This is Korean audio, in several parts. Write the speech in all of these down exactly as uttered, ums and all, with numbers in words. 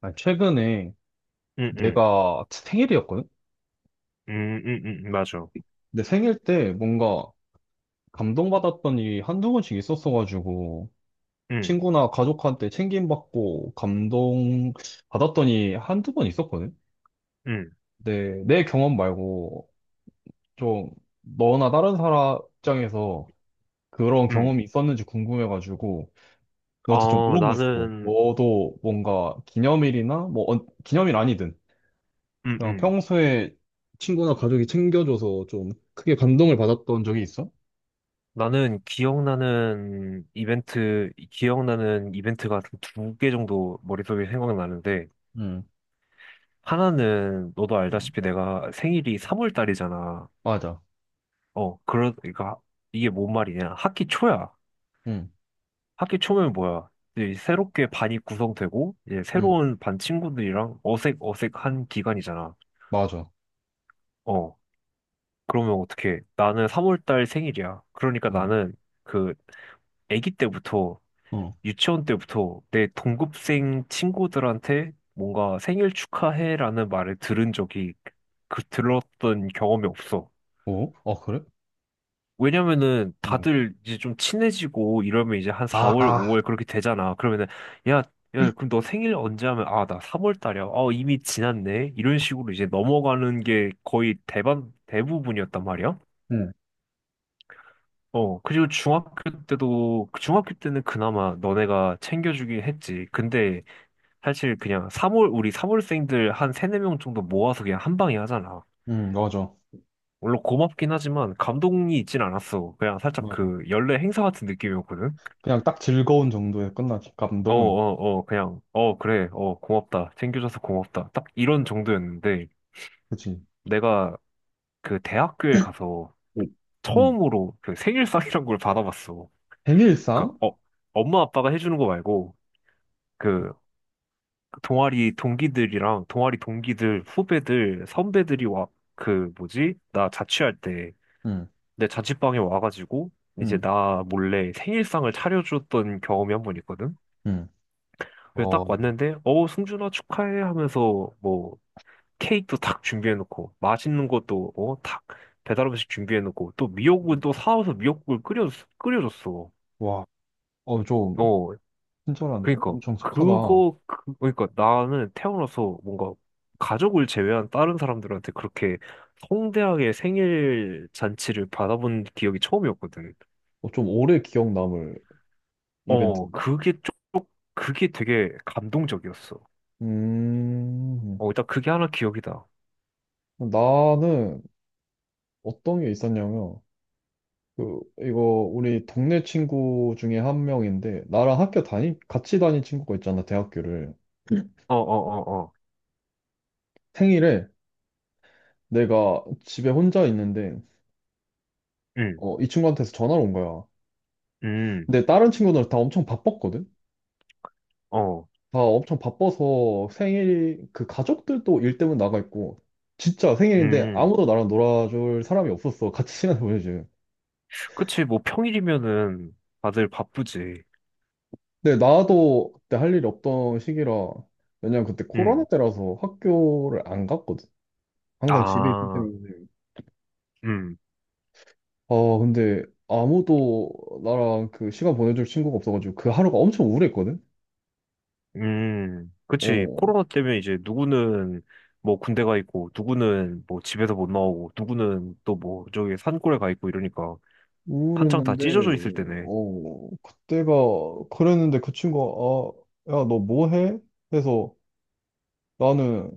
아니, 최근에 응, 응, 내가 생일이었거든? 음, 응, 응, 응, 맞아. 내 생일 때 뭔가 감동받았던 일이 한두 번씩 있었어가지고 응, 친구나 가족한테 챙김받고 감동받았던 일이 한두 번 있었거든? 응, 내, 내 경험 말고 좀 너나 다른 사람 입장에서 그런 응. 경험이 있었는지 궁금해가지고 너한테 좀 아, 물어보고 싶어. 나는, 너도 뭔가 기념일이나 뭐, 언- 기념일 아니든 응, 그냥 응. 평소에 친구나 가족이 챙겨줘서 좀 크게 감동을 받았던 적이 있어? 나는 기억나는 이벤트, 기억나는 이벤트가 두 개 정도 머릿속에 생각나는데, 응, 하나는 너도 알다시피 내가 생일이 삼월 달이잖아. 맞아. 어, 그러니까 이게 뭔 말이냐. 학기 초야. 응, 학기 초면 뭐야. 이제 새롭게 반이 구성되고, 이제 응, 새로운 반 친구들이랑 어색 어색한 기간이잖아. 맞아. 어. 그러면 어떻게? 나는 삼월 달 생일이야. 그러니까 어, 나는 그 아기 때부터 어, 유치원 때부터 내 동급생 친구들한테 뭔가 생일 축하해라는 말을 들은 적이 그 들었던 경험이 없어. 어, 어, 그래? 왜냐면은 응. 다들 이제 좀 친해지고 이러면 이제 한 사월, 아, 오월 그렇게 되잖아. 그러면은 야, 야, 그럼 너 생일 언제 하면 아, 나 삼월 달이야. 아, 이미 지났네. 이런 식으로 이제 넘어가는 게 거의 대반 대부분이었단 말이야. 응, 어, 그리고 중학교 때도, 그 중학교 때는 그나마 너네가 챙겨주긴 했지. 근데 사실 그냥 삼월, 우리 삼월생들 한 세네 명 정도 모아서 그냥 한 방에 하잖아. 응, 맞아. 물론 고맙긴 하지만 감동이 있진 않았어. 그냥 살짝 맞아. 그 연례 행사 같은 느낌이었거든. 그냥 딱 즐거운 정도에 끝나지. 어, 감동은 없. 어, 어, 그냥, 어, 그래, 어, 고맙다. 챙겨줘서 고맙다. 딱 이런 정도였는데 그치? 내가 그 대학교에 가서 응. 응. 처음으로 그 생일상이란 걸 받아봤어. 그러니까, 생일상? 어, 엄마 아빠가 해주는 거 말고, 그 동아리 동기들이랑 동아리 동기들 후배들 선배들이 와 그 뭐지 나 자취할 때 응, 내 자취방에 와가지고 이제 응, 나 몰래 생일상을 차려줬던 경험이 한 번 있거든. 응. 그래서 어, 딱 왔는데 어 승준아 축하해 하면서 뭐 케이크도 딱 준비해놓고 맛있는 것도 어딱 배달 음식 준비해놓고 또 미역국을 또 사와서 미역국을 끓여 끓여줬어. 와, 어, 좀, 어 친절한데? 그러니까 엄청 착하다. 어, 그거 그, 그러니까 나는 태어나서 뭔가 가족을 제외한 다른 사람들한테 그렇게 성대하게 생일 잔치를 받아본 기억이 처음이었거든. 좀 오래 기억 남을 어, 이벤트인데? 그게 쪽 그게 되게 감동적이었어. 음, 어, 일단 그게 하나 기억이다. 어, 나는, 어떤 게 있었냐면, 그, 이거, 우리 동네 친구 중에 한 명인데, 나랑 학교 다니, 같이 다닌 친구가 있잖아, 대학교를. 어, 어, 어. 생일에 내가 집에 혼자 있는데, 음, 어, 이 친구한테서 전화가 온 거야. 음, 근데 다른 친구들 다 엄청 바빴거든? 어, 다 엄청 바빠서 생일, 그 가족들도 일 때문에 나가 있고, 진짜 생일인데 음. 아무도 나랑 놀아줄 사람이 없었어. 같이 시간을 보내지. 그치, 뭐 평일이면은 다들 바쁘지. 근데 나도 그때 할 일이 없던 시기라, 왜냐면 그때 코로나 음, 때라서 학교를 안 갔거든. 항상 집에 있기 아, 때문에. 응 아, 근데 아무도 나랑 그 시간 보내줄 친구가 없어가지고 그 하루가 엄청 우울했거든? 음, 그치. 어, 코로나 때문에 이제 누구는 뭐 군대 가 있고, 누구는 뭐 집에서 못 나오고, 누구는 또 뭐 저기 산골에 가 있고 이러니까 한창 다 우울했는데, 찢어져 있을 때네. 어, 그때가, 그랬는데 그 친구가, 아, 야, 너 뭐 해? 해서 나는,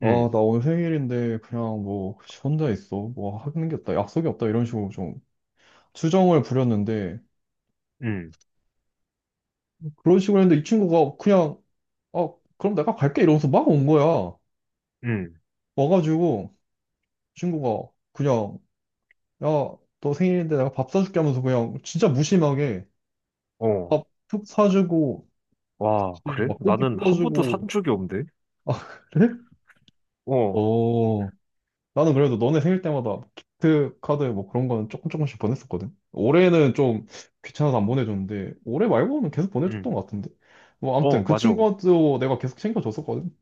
아, 응, 나 오늘 생일인데 그냥 뭐 혼자 있어. 뭐 하는 게 없다. 약속이 없다. 이런 식으로 좀 주정을 부렸는데 응, 그런 식으로 했는데 이 친구가 그냥, 아, 그럼 내가 갈게. 이러면서 막 온 거야. 응, 와가지고 친구가 그냥 야, 너 생일인데 내가 밥 사줄게 하면서 그냥 진짜 무심하게 어. 밥툭 사주고, 와, 혹시 그래? 막 고기 나는 한 번도 구워주고. 산 적이 없는데? 아, 그래? 어, 어, 나는 그래도 너네 생일 때마다 기프트 카드 뭐 그런 거는 조금 조금씩 보냈었거든. 올해는 좀 귀찮아서 안 보내줬는데, 올해 말고는 계속 보내줬던 응, 것 같은데. 뭐, 아무튼 어, 그 맞아. 친구도 내가 계속 챙겨줬었거든.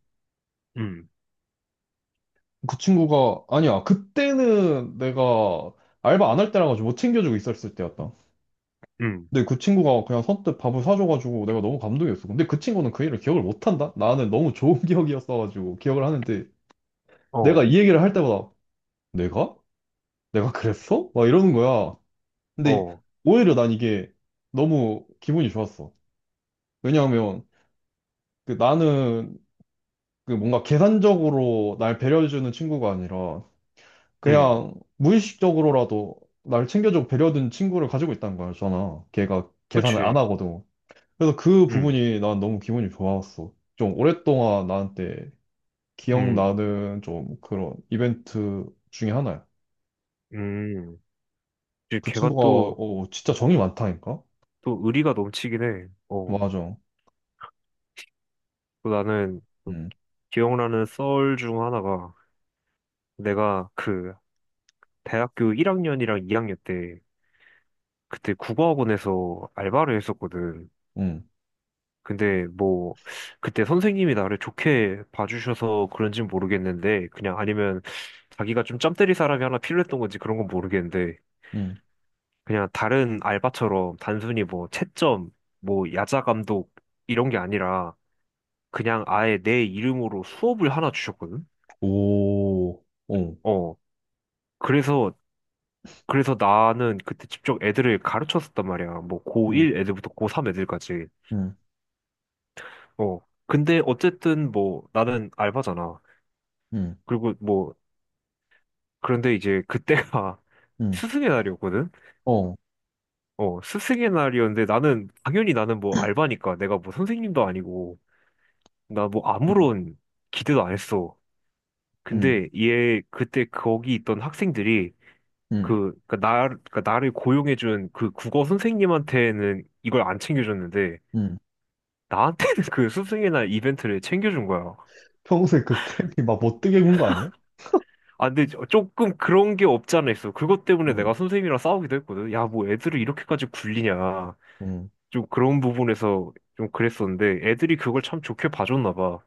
응, 그 친구가, 아니야, 그때는 내가 알바 안 할 때라 가지고 못 챙겨주고 있었을 때였다. 응, 근데 그 친구가 그냥 선뜻 밥을 사줘가지고 내가 너무 감동이었어. 근데 그 친구는 그 일을 기억을 못한다? 나는 너무 좋은 기억이었어가지고 기억을 하는데 내가 어, 이 얘기를 할 때마다 내가? 내가 그랬어? 막 이러는 거야. 근데 어, 오히려 난 이게 너무 기분이 좋았어. 왜냐하면 그 나는 그 뭔가 계산적으로 날 배려해주는 친구가 아니라 응, 그냥 무의식적으로라도 날 챙겨주고 배려해준 친구를 가지고 있다는 거잖아. 걔가 계산을 안 그치. 하거든. 그래서 그 응, 부분이 난 너무 기분이 좋았어. 좀 오랫동안 나한테 응, 기억나는 좀 그런 이벤트 중에 하나야. 응. 이제 그 걔가 친구가 또, 어, 진짜 정이 많다니까? 또 의리가 넘치긴 해. 어, 맞아. 또 나는 그 응, 기억나는 썰 중 하나가 내가 그 대학교 일 학년이랑 이 학년 때 그때 국어학원에서 알바를 했었거든. 응, 근데 뭐 그때 선생님이 나를 좋게 봐주셔서 그런진 모르겠는데 그냥 아니면 자기가 좀 짬 때릴 사람이 하나 필요했던 건지 그런 건 모르겠는데 응. 그냥 다른 알바처럼 단순히 뭐 채점, 뭐 야자 감독 이런 게 아니라 그냥 아예 내 이름으로 수업을 하나 주셨거든. 오, 어, 어. 그래서 그래서 나는 그때 직접 애들을 가르쳤었단 말이야. 뭐 응, 고일 애들부터 고삼 애들까지. 응, 어. 근데 어쨌든 뭐 나는 알바잖아. 응, 응, 그리고 뭐 그런데 이제 그때가 응. 스승의 날이었거든. 어, 어, 스승의 날이었는데 나는 당연히 나는 뭐 알바니까 내가 뭐 선생님도 아니고 나 뭐 응, 아무런 기대도 안 했어. 응, 근데 얘 그때 거기 있던 학생들이 응, 그, 그니까 나, 그니까 나를 고용해준 그 국어 선생님한테는 이걸 안 챙겨줬는데 응. 나한테는 그 스승이나 이벤트를 챙겨준 거야. 평소에 그 쌤이 막 못되게 군거 아니야? 아, 근데 저- 조금 그런 게 없지 않아 있어. 그것 때문에 어, 내가 선생님이랑 싸우기도 했거든. 야, 뭐 애들을 이렇게까지 굴리냐. 응. 좀 그런 부분에서 좀 그랬었는데 애들이 그걸 참 좋게 봐줬나 봐.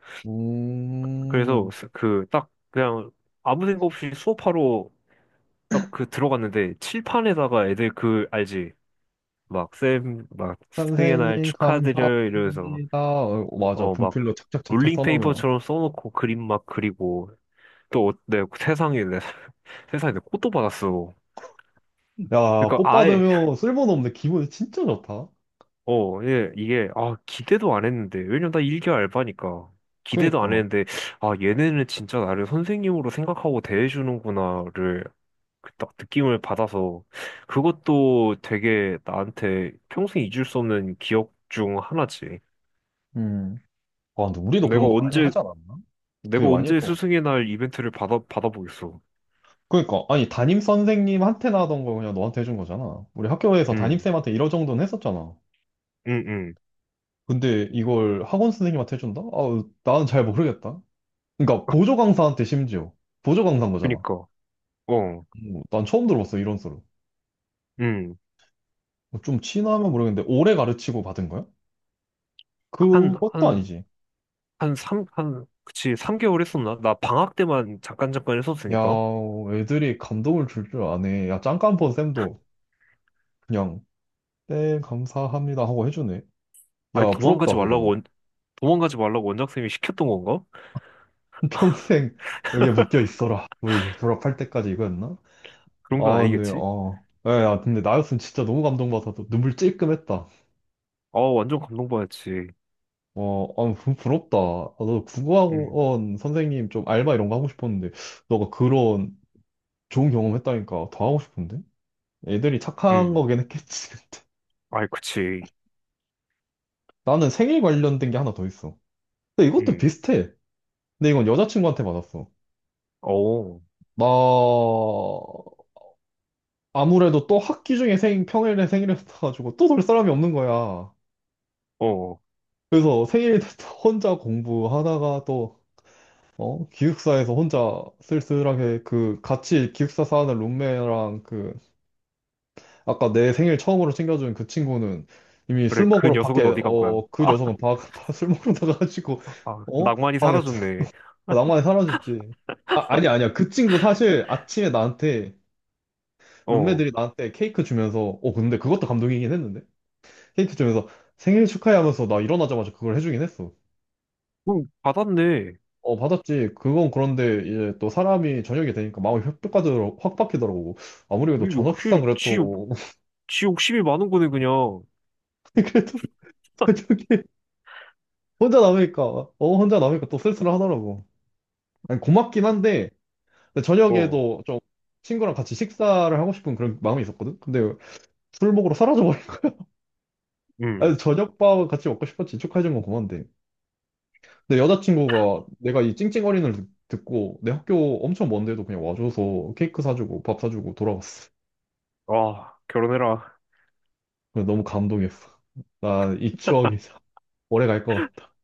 그래서 음, 그 딱 그냥 아무 생각 없이 수업하러 딱 그 들어갔는데 칠판에다가 애들 그 알지? 막 쌤, 막 스승의 날 선생님 축하드려요 이러면서 감사합니다. 어, 맞아. 어 막 분필로 착착착착 써놓으면. 롤링페이퍼처럼 써놓고 그림 막 그리고 또 내 세상에 회사에 내 꽃도 받았어. 야, 그러니까 꽃 아예 받으면 쓸모는 없는데 기분이 진짜 좋다. 어, 예, 이게 아 기대도 안 했는데 왜냐면 나 일 개월 알바니까 기대도 안 그니까, 했는데 아 얘네는 진짜 나를 선생님으로 생각하고 대해주는구나를 그딱 느낌을 받아서 그것도 되게 나한테 평생 잊을 수 없는 기억 중 하나지. 음. 아, 근데 우리도 내가 그런 거 많이 언제 하지 않았나? 내가 되게 많이 언제 했던 거. 스승의 날 이벤트를 받아 받아보겠어. 그러니까 아니 담임 선생님한테나 하던 거 그냥 너한테 해준 거잖아. 우리 학교에서 응 담임쌤한테 이러 정도는 했었잖아. 응 응 근데 이걸 학원 선생님한테 해준다? 아, 나는 잘 모르겠다. 그러니까 보조 강사한테 심지어 보조 강사인 거잖아. 그니까 어, 음, 난 처음 들어봤어 이런 소리. 응좀 친하면 모르겠는데 오래 가르치고 받은 거야? 한 그것도 한 아니지. 한 삼 한, 그치, 삼개월 했었나? 나 방학 때만 잠깐 잠깐 야, 했었으니까. 애들이 감동을 줄 줄 아네. 야, 짱깐폰 쌤도 그냥 네 감사합니다 하고 해주네. 아니, 야 도망가지 부럽다 말라고, 그거는. 원, 도망가지 말라고 원장쌤이 시켰던 건가? 평생 여기에 묶여 있어라. 우리 졸업할 때까지 이거였나? 그런 아 건 근데 아니겠지? 어. 야, 야, 근데 나였으면 진짜 너무 감동받아서 눈물 찔끔했다. 아, 완전 감동받았지. 어, 아, 부- 부럽다. 아, 나도 음, 국어학원 선생님 좀 알바 이런 거 하고 싶었는데, 너가 그런 좋은 경험 했다니까 더 하고 싶은데? 애들이 착한 음. 거긴 했겠지, 근데. 아이, 그치. 나는 생일 관련된 게 하나 더 있어. 근데 이것도 음. 비슷해. 근데 이건 여자친구한테 받았어. 어, 나 아무래도 또 학기 중에 생, 평일에 생일이 붙어가지고 또 놀 사람이 없는 거야. 어. 그래서 생일에 또 혼자 공부하다가 또, 어, 기숙사에서 혼자 쓸쓸하게 그 같이 기숙사 사는 룸메랑 그 아까 내 생일 처음으로 챙겨준 그 친구는 이미 술 그래, 그 먹으러 밖에, 녀석은 어디 간 거야? 어, 그 아, 녀석은 바, 바- 술 먹으러 나가가지고, 아, 어, 낭만이 방에 드- 사라졌네. 낭만이 사라졌지. 아, 아니야, 아니야. 그 친구 사실 아침에 나한테 어. 룸메들이 나한테 케이크 주면서, 어, 근데 그것도 감동이긴 했는데. 케이크 주에서 생일 축하해 하면서 나 일어나자마자 그걸 해주긴 했어. 응, 받았네. 어, 받았지. 그건 그런데 이제 또 사람이 저녁이 되니까 마음이 확 바뀌더라고. 확 바뀌더라고. 아무리 그래도 왜 저녁 욕심, 식상 지 욕, 그래도 지 욕심이 많은 거네, 그냥. 그래도 저녁에 혼자 남으니까 어 혼자 남으니까 또 쓸쓸 하더라고. 아니, 고맙긴 한데 근데 어, 저녁에도 좀 친구랑 같이 식사를 하고 싶은 그런 마음이 있었거든. 근데 술 먹으러 사라져버린. 아니, 음. 저녁밥 같이 먹고 싶었지. 축하해준 건 고마운데. 내 여자친구가 내가 이 찡찡거리는 걸 듣고 내 학교 엄청 먼데도 그냥 와줘서 케이크 사주고 밥 사주고 돌아왔어. 아, 결혼해라. 그래서 너무 감동했어. 나 이 추억이 참 오래 갈 것 같아.